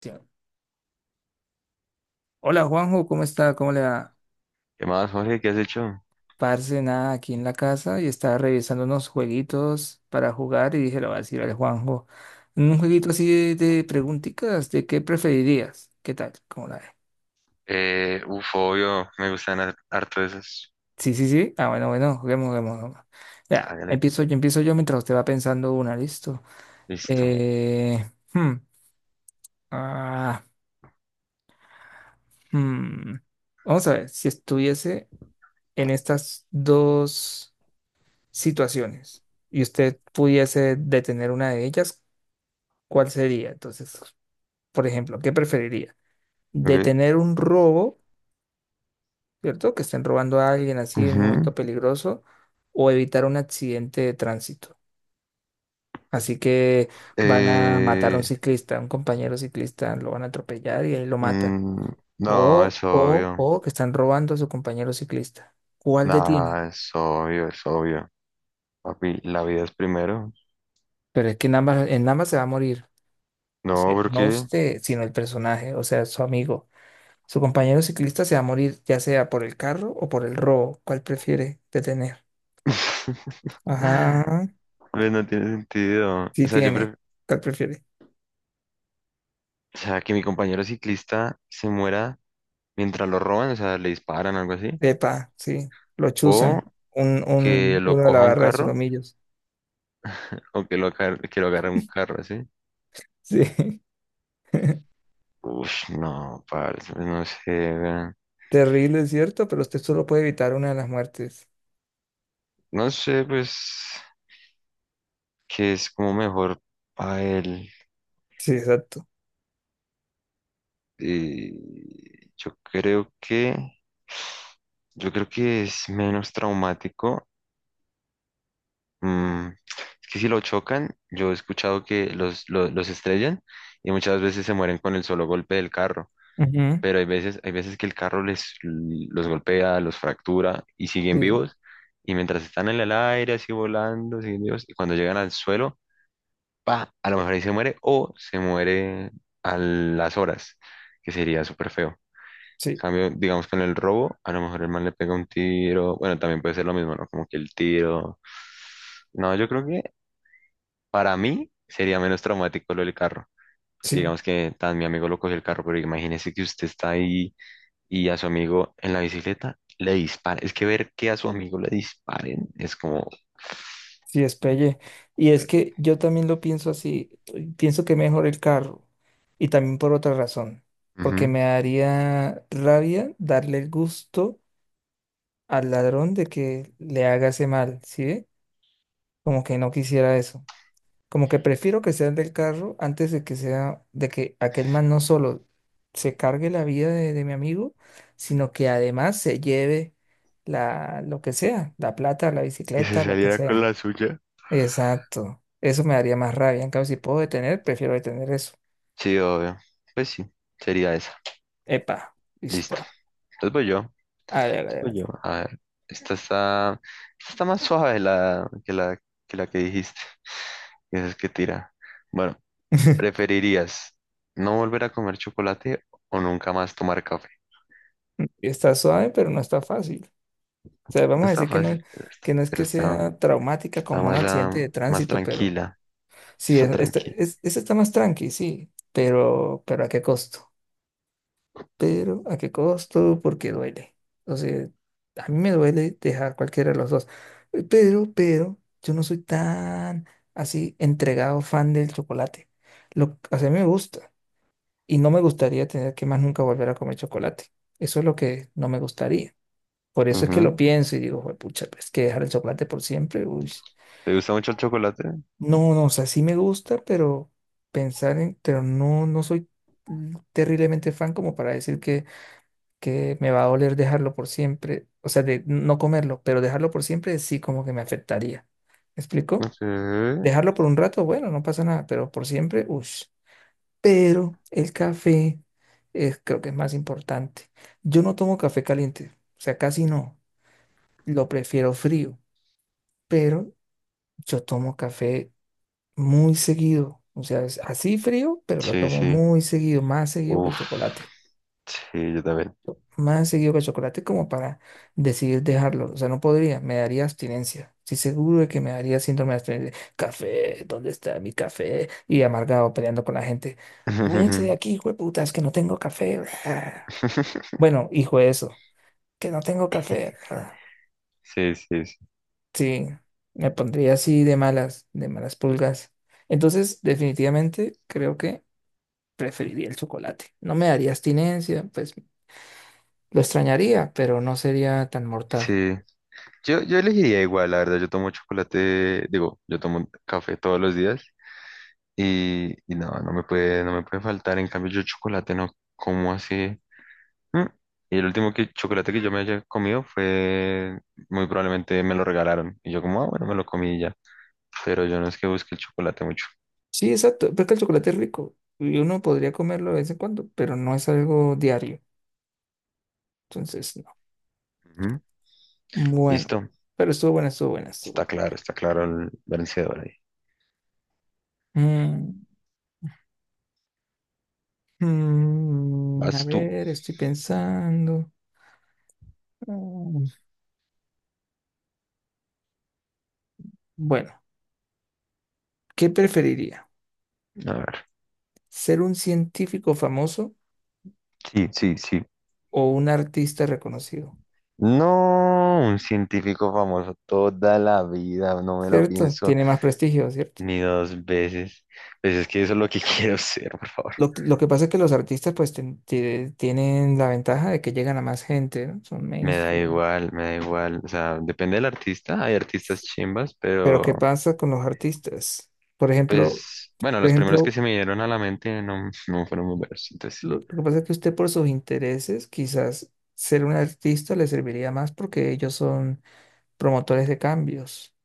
Sí. Hola Juanjo, ¿cómo está? ¿Cómo le va? ¿Qué más, Jorge? ¿Qué has hecho? Parce, nada, aquí en la casa y estaba revisando unos jueguitos para jugar y dije, lo voy a decir al Juanjo. Un jueguito así de preguntitas, ¿de qué preferirías? ¿Qué tal? ¿Cómo la ve? Obvio, me gustan harto esas. Sí, sí, sí. Ah, bueno, bueno, juguemos, juguemos, juguemos. Ya, Hágale, empiezo yo mientras usted va pensando una, listo. listo. Eh, hmm, ah, hmm. Vamos a ver, si estuviese en estas dos situaciones y usted pudiese detener una de ellas, ¿cuál sería? Entonces, por ejemplo, ¿qué preferiría? Ok. ¿Detener un robo, ¿cierto? Que estén robando a alguien así en un momento Ujú. peligroso o evitar un accidente de tránsito? Así que van a matar a un Eh, ciclista, a un compañero ciclista, lo van a atropellar y ahí lo matan. mm, no, es obvio. O que están robando a su compañero ciclista. ¿Cuál detiene? Nah, es obvio, es obvio. Papi, la vida es primero. Pero es que en ambas se va a morir. O No, sea, ¿por no qué? usted, sino el personaje, o sea, su amigo. Su compañero ciclista se va a morir ya sea por el carro o por el robo. ¿Cuál prefiere detener? Ajá, Pues no tiene sentido. O sí sea, yo tiene. pref- ¿Cuál prefiere? o sea, que mi compañero ciclista se muera mientras lo roban, o sea, le disparan o algo así. Epa, sí. Lo O chuzan. Un, que un, lo uno de la coja un barra de carro. solomillos. O que que lo agarre un carro así. Sí. Uf, no, parce, pues no sé, weón. Terrible, ¿es cierto? Pero usted solo puede evitar una de las muertes. No sé, pues, que es como mejor para él. Sí, exacto. Y yo creo que, yo creo que es menos traumático. Mm, es que si lo chocan, yo he escuchado que los estrellan y muchas veces se mueren con el solo golpe del carro. Ujú. Pero hay veces que el carro los golpea, los fractura y siguen Sí, vivos. Y mientras están en el aire, así volando, siguen vivos, y cuando llegan al suelo, pa, a lo mejor ahí se muere o se muere a las horas, que sería súper feo. sí, Cambio, digamos con el robo, a lo mejor el man le pega un tiro, bueno, también puede ser lo mismo, ¿no? Como que el tiro. No, yo creo que para mí sería menos traumático lo del carro. Porque sí. digamos que tan mi amigo lo cogió el carro, pero imagínese que usted está ahí y a su amigo en la bicicleta le dispara. Es que ver que a su amigo le disparen es como... Sí, es pelle. Y es joder. que yo también lo pienso así. Pienso que mejor el carro. Y también por otra razón. Porque Ujú. me daría rabia darle el gusto al ladrón de que le haga ese mal, ¿sí ve? Como que no quisiera eso. Como que prefiero que sea el del carro antes de que sea, de que aquel man no solo se cargue la vida de mi amigo, sino que además se lleve la, lo que sea, la plata, la Y se bicicleta, lo que saliera con sea. la suya. Exacto. Eso me daría más rabia. En cambio, si puedo detener, prefiero detener eso. Sí, obvio. Pues sí, sería esa. Epa, Listo. listo. Entonces voy yo. Hágale, hágale, Voy hágale. yo. A ver, esta está, esta está más suave que la que dijiste. Esa es que tira. Bueno, ¿preferirías no volver a comer chocolate o nunca más tomar café? Está suave, pero no está fácil. O sea, No vamos a está decir fácil, que no es que sea traumática está como un más, accidente ah, de más tránsito, pero tranquila. sí, Está tranquila. Ese está más tranqui, sí, pero ¿a qué costo? Pero ¿a qué costo? Porque duele. O sea, a mí me duele dejar cualquiera de los dos. Pero, yo no soy tan así entregado fan del chocolate. Lo, o sea, a mí me gusta y no me gustaría tener que más nunca volver a comer chocolate. Eso es lo que no me gustaría. Por eso es que lo Ujú. pienso y digo, pucha, es que dejar el chocolate por siempre, uy. ¿Te gusta mucho el chocolate? No, no, o sea, sí me gusta, pero pensar en, pero no, no soy terriblemente fan como para decir que me va a doler dejarlo por siempre, o sea, de no comerlo, pero dejarlo por siempre sí como que me afectaría. ¿Me explico? Sí. Dejarlo por un rato, bueno, no pasa nada, pero por siempre, uff. Pero el café es, creo que es más importante. Yo no tomo café caliente, o sea, casi no. Lo prefiero frío, pero yo tomo café muy seguido. O sea, es así frío, pero lo Sí, tomo sí. muy seguido, más seguido que el Uf. chocolate. Sí, yo también. Más seguido que el chocolate como para decidir dejarlo. O sea, no podría, me daría abstinencia. Sí, seguro de que me daría síndrome de abstinencia. Café, ¿dónde está mi café? Y amargado peleando con la gente. Váyanse de aquí, hueputas, que no tengo café. Bueno, hijo de eso, que no tengo café. Sí, sí, sí. Sí, me pondría así de malas pulgas. Entonces, definitivamente creo que preferiría el chocolate. No me daría abstinencia, pues lo extrañaría, pero no sería tan mortal. Sí. Yo elegiría igual, la verdad. Yo tomo chocolate, digo, yo tomo café todos los días y, no me puede, no me puede faltar. En cambio, yo chocolate no como así. Mm. Y el último chocolate que yo me haya comido fue, muy probablemente me lo regalaron. Y yo como, ah, bueno, me lo comí y ya. Pero yo no es que busque el chocolate mucho. Sí, exacto, porque el chocolate es rico y uno podría comerlo de vez en cuando, pero no es algo diario. Entonces, no. Ujú. Bueno, Listo. pero estuvo buena, estuvo buena, estuvo buena. Está claro el vencedor ahí. Mm, a Vas tú. ver, estoy pensando. Mm, Bueno, ¿qué preferiría? A ver. ¿Ser un científico famoso Sí, sí, sí. o un artista reconocido? No, un científico famoso toda la vida, no me lo ¿Cierto? pienso Tiene más prestigio, ¿cierto? ni dos veces. Pues es que eso es lo que quiero ser, por favor. Lo, lo que pasa es que los artistas pues tienen la ventaja de que llegan a más gente, ¿no? Son Me da mainstream. igual, me da igual. O sea, depende del artista. Hay artistas chimbas, Pero pero ¿qué pasa con los artistas? Por ejemplo, pues, bueno, por los primeros que ejemplo, se me dieron a la mente no fueron muy buenos. Entonces, lo que pasa es que usted por sus intereses, quizás ser un artista le serviría más porque ellos son promotores de cambios,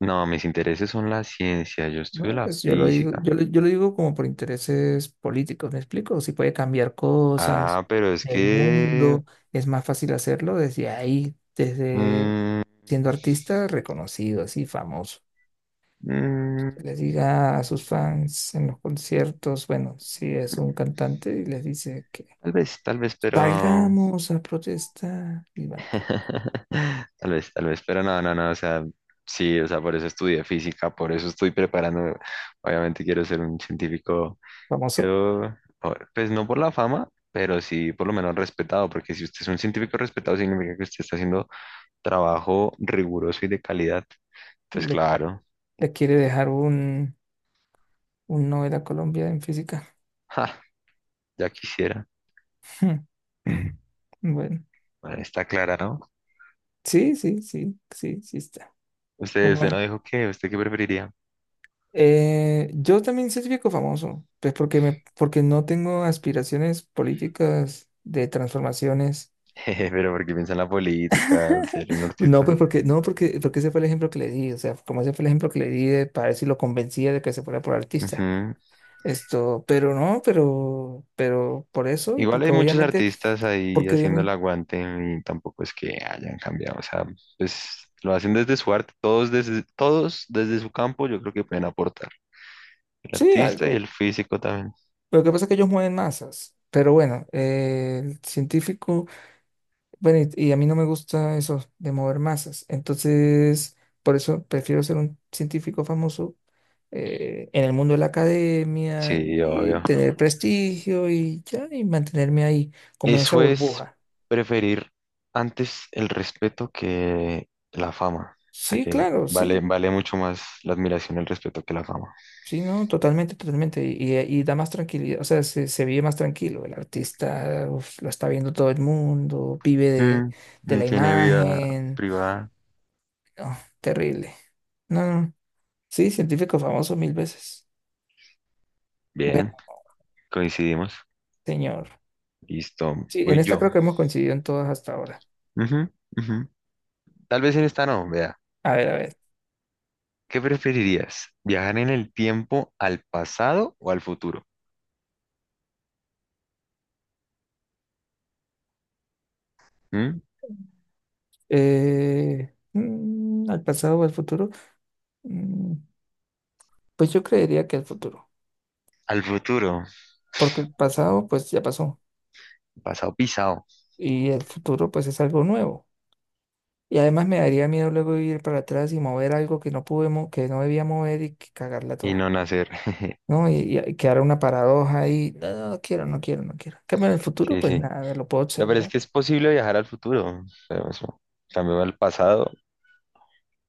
no, mis intereses son la ciencia. Yo estudio ¿no? la Pues yo lo digo, física. Yo lo digo como por intereses políticos, ¿me explico? Si puede cambiar cosas, Ah, pero es el que mundo, es más fácil hacerlo desde ahí, desde mm, siendo artista reconocido, así famoso. mm, Que les diga a sus fans en los conciertos, bueno, si es un cantante y les dice que tal vez, pero... salgamos a protestar y van y protestan. Tal vez, pero no, no, no, o sea, sí, o sea, por eso estudié física, por eso estoy preparando, obviamente quiero ser un científico, Famoso, quiero, pues no por la fama, pero sí por lo menos respetado, porque si usted es un científico respetado, significa que usted está haciendo trabajo riguroso y de calidad, entonces le, claro, le quiere dejar un Nobel a Colombia en física. ja, ya quisiera, Bueno, bueno, está clara, ¿no? sí, sí, sí, sí, sí está. Usted, Bueno, usted no bueno. dijo qué, ¿usted qué preferiría? Yo también certifico famoso, pues porque me, porque no tengo aspiraciones políticas de transformaciones. Pero porque piensa en la política, al ser un No, pues artista. porque, no, porque, porque ese fue el ejemplo que le di, o sea, como ese fue el ejemplo que le di de, para ver si lo convencía de que se fuera por artista. Ujú. Esto, pero no, pero por eso y Igual hay muchos artistas ahí porque haciendo el obviamente, aguante y tampoco es que hayan cambiado. O sea, pues lo hacen desde su arte, todos desde su campo, yo creo que pueden aportar. El sí, artista y algo. el físico también. Lo que pasa es que ellos mueven masas, pero bueno, el científico. Bueno, y a mí no me gusta eso de mover masas. Entonces, por eso prefiero ser un científico famoso, en el mundo de la academia Sí, y obvio. tener prestigio y ya, y mantenerme ahí, como en esa Eso es burbuja. preferir antes el respeto que la fama. O sea Sí, que claro, vale, sí, vale mucho más la admiración y el respeto que la fama. sí, no, totalmente, totalmente. Y, y da más tranquilidad, o sea, se vive más tranquilo. El artista uf, lo está viendo todo el mundo, vive Mm, de mm, la tiene vida imagen. privada. No, terrible. No, no, sí, científico famoso mil veces. Bien. Coincidimos. Señor. Listo, Sí, en voy esta yo. creo que hemos coincidido en todas hasta ahora. Ujú, ujú. Tal vez en esta no, vea. A ver, a ver. ¿Qué preferirías? ¿Viajar en el tiempo al pasado o al futuro? ¿Mm? ¿Al pasado o al futuro? Mm, pues yo creería que al futuro, Al futuro, porque el pasado pues ya pasó pasado pisado y el futuro pues es algo nuevo. Y además me daría miedo luego ir para atrás y mover algo que no pude, que no debía mover y que cagarla y toda, no nacer. ¿no? Y, y quedar una paradoja ahí, no, no, no quiero, no quiero, no quiero. En cambio, en el futuro Sí, pues sí. nada, lo puedo La verdad es observar. que es posible viajar al futuro, pero eso, cambio al pasado,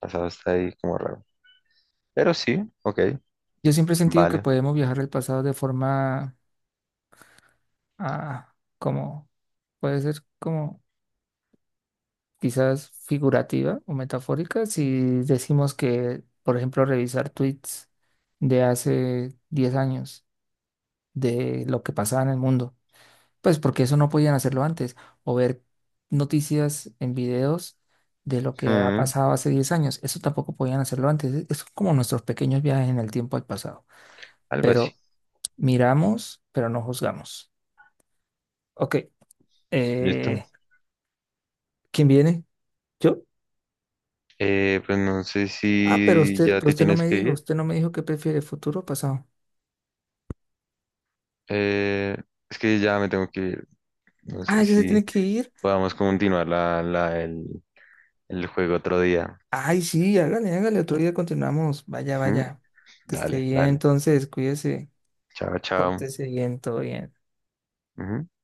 pasado está ahí como raro. Pero sí, ok, Yo siempre he sentido que vale. podemos viajar al pasado de forma ah, como puede ser como quizás figurativa o metafórica si decimos que, por ejemplo, revisar tweets de hace 10 años de lo que pasaba en el mundo, pues porque eso no podían hacerlo antes, o ver noticias en videos de lo que ha Mm, pasado hace 10 años, eso tampoco podían hacerlo antes, es como nuestros pequeños viajes en el tiempo al pasado, algo así. pero miramos, pero no juzgamos. Ok, Listo. eh, ¿quién viene? ¿Yo? Pues no sé Ah, si ya pero te usted no tienes me que dijo, ir. usted no me dijo qué prefiere, futuro o pasado. Eh, es que ya me tengo que ir. No Ah, sé ya se tiene si que ir. podamos continuar el juego otro día. Ay, sí, hágale, hágale, otro día continuamos. Vaya, Ujú. vaya. Que esté Dale, bien, dale. entonces, cuídese, Chao, chao. pórtese bien, todo bien. Ujú.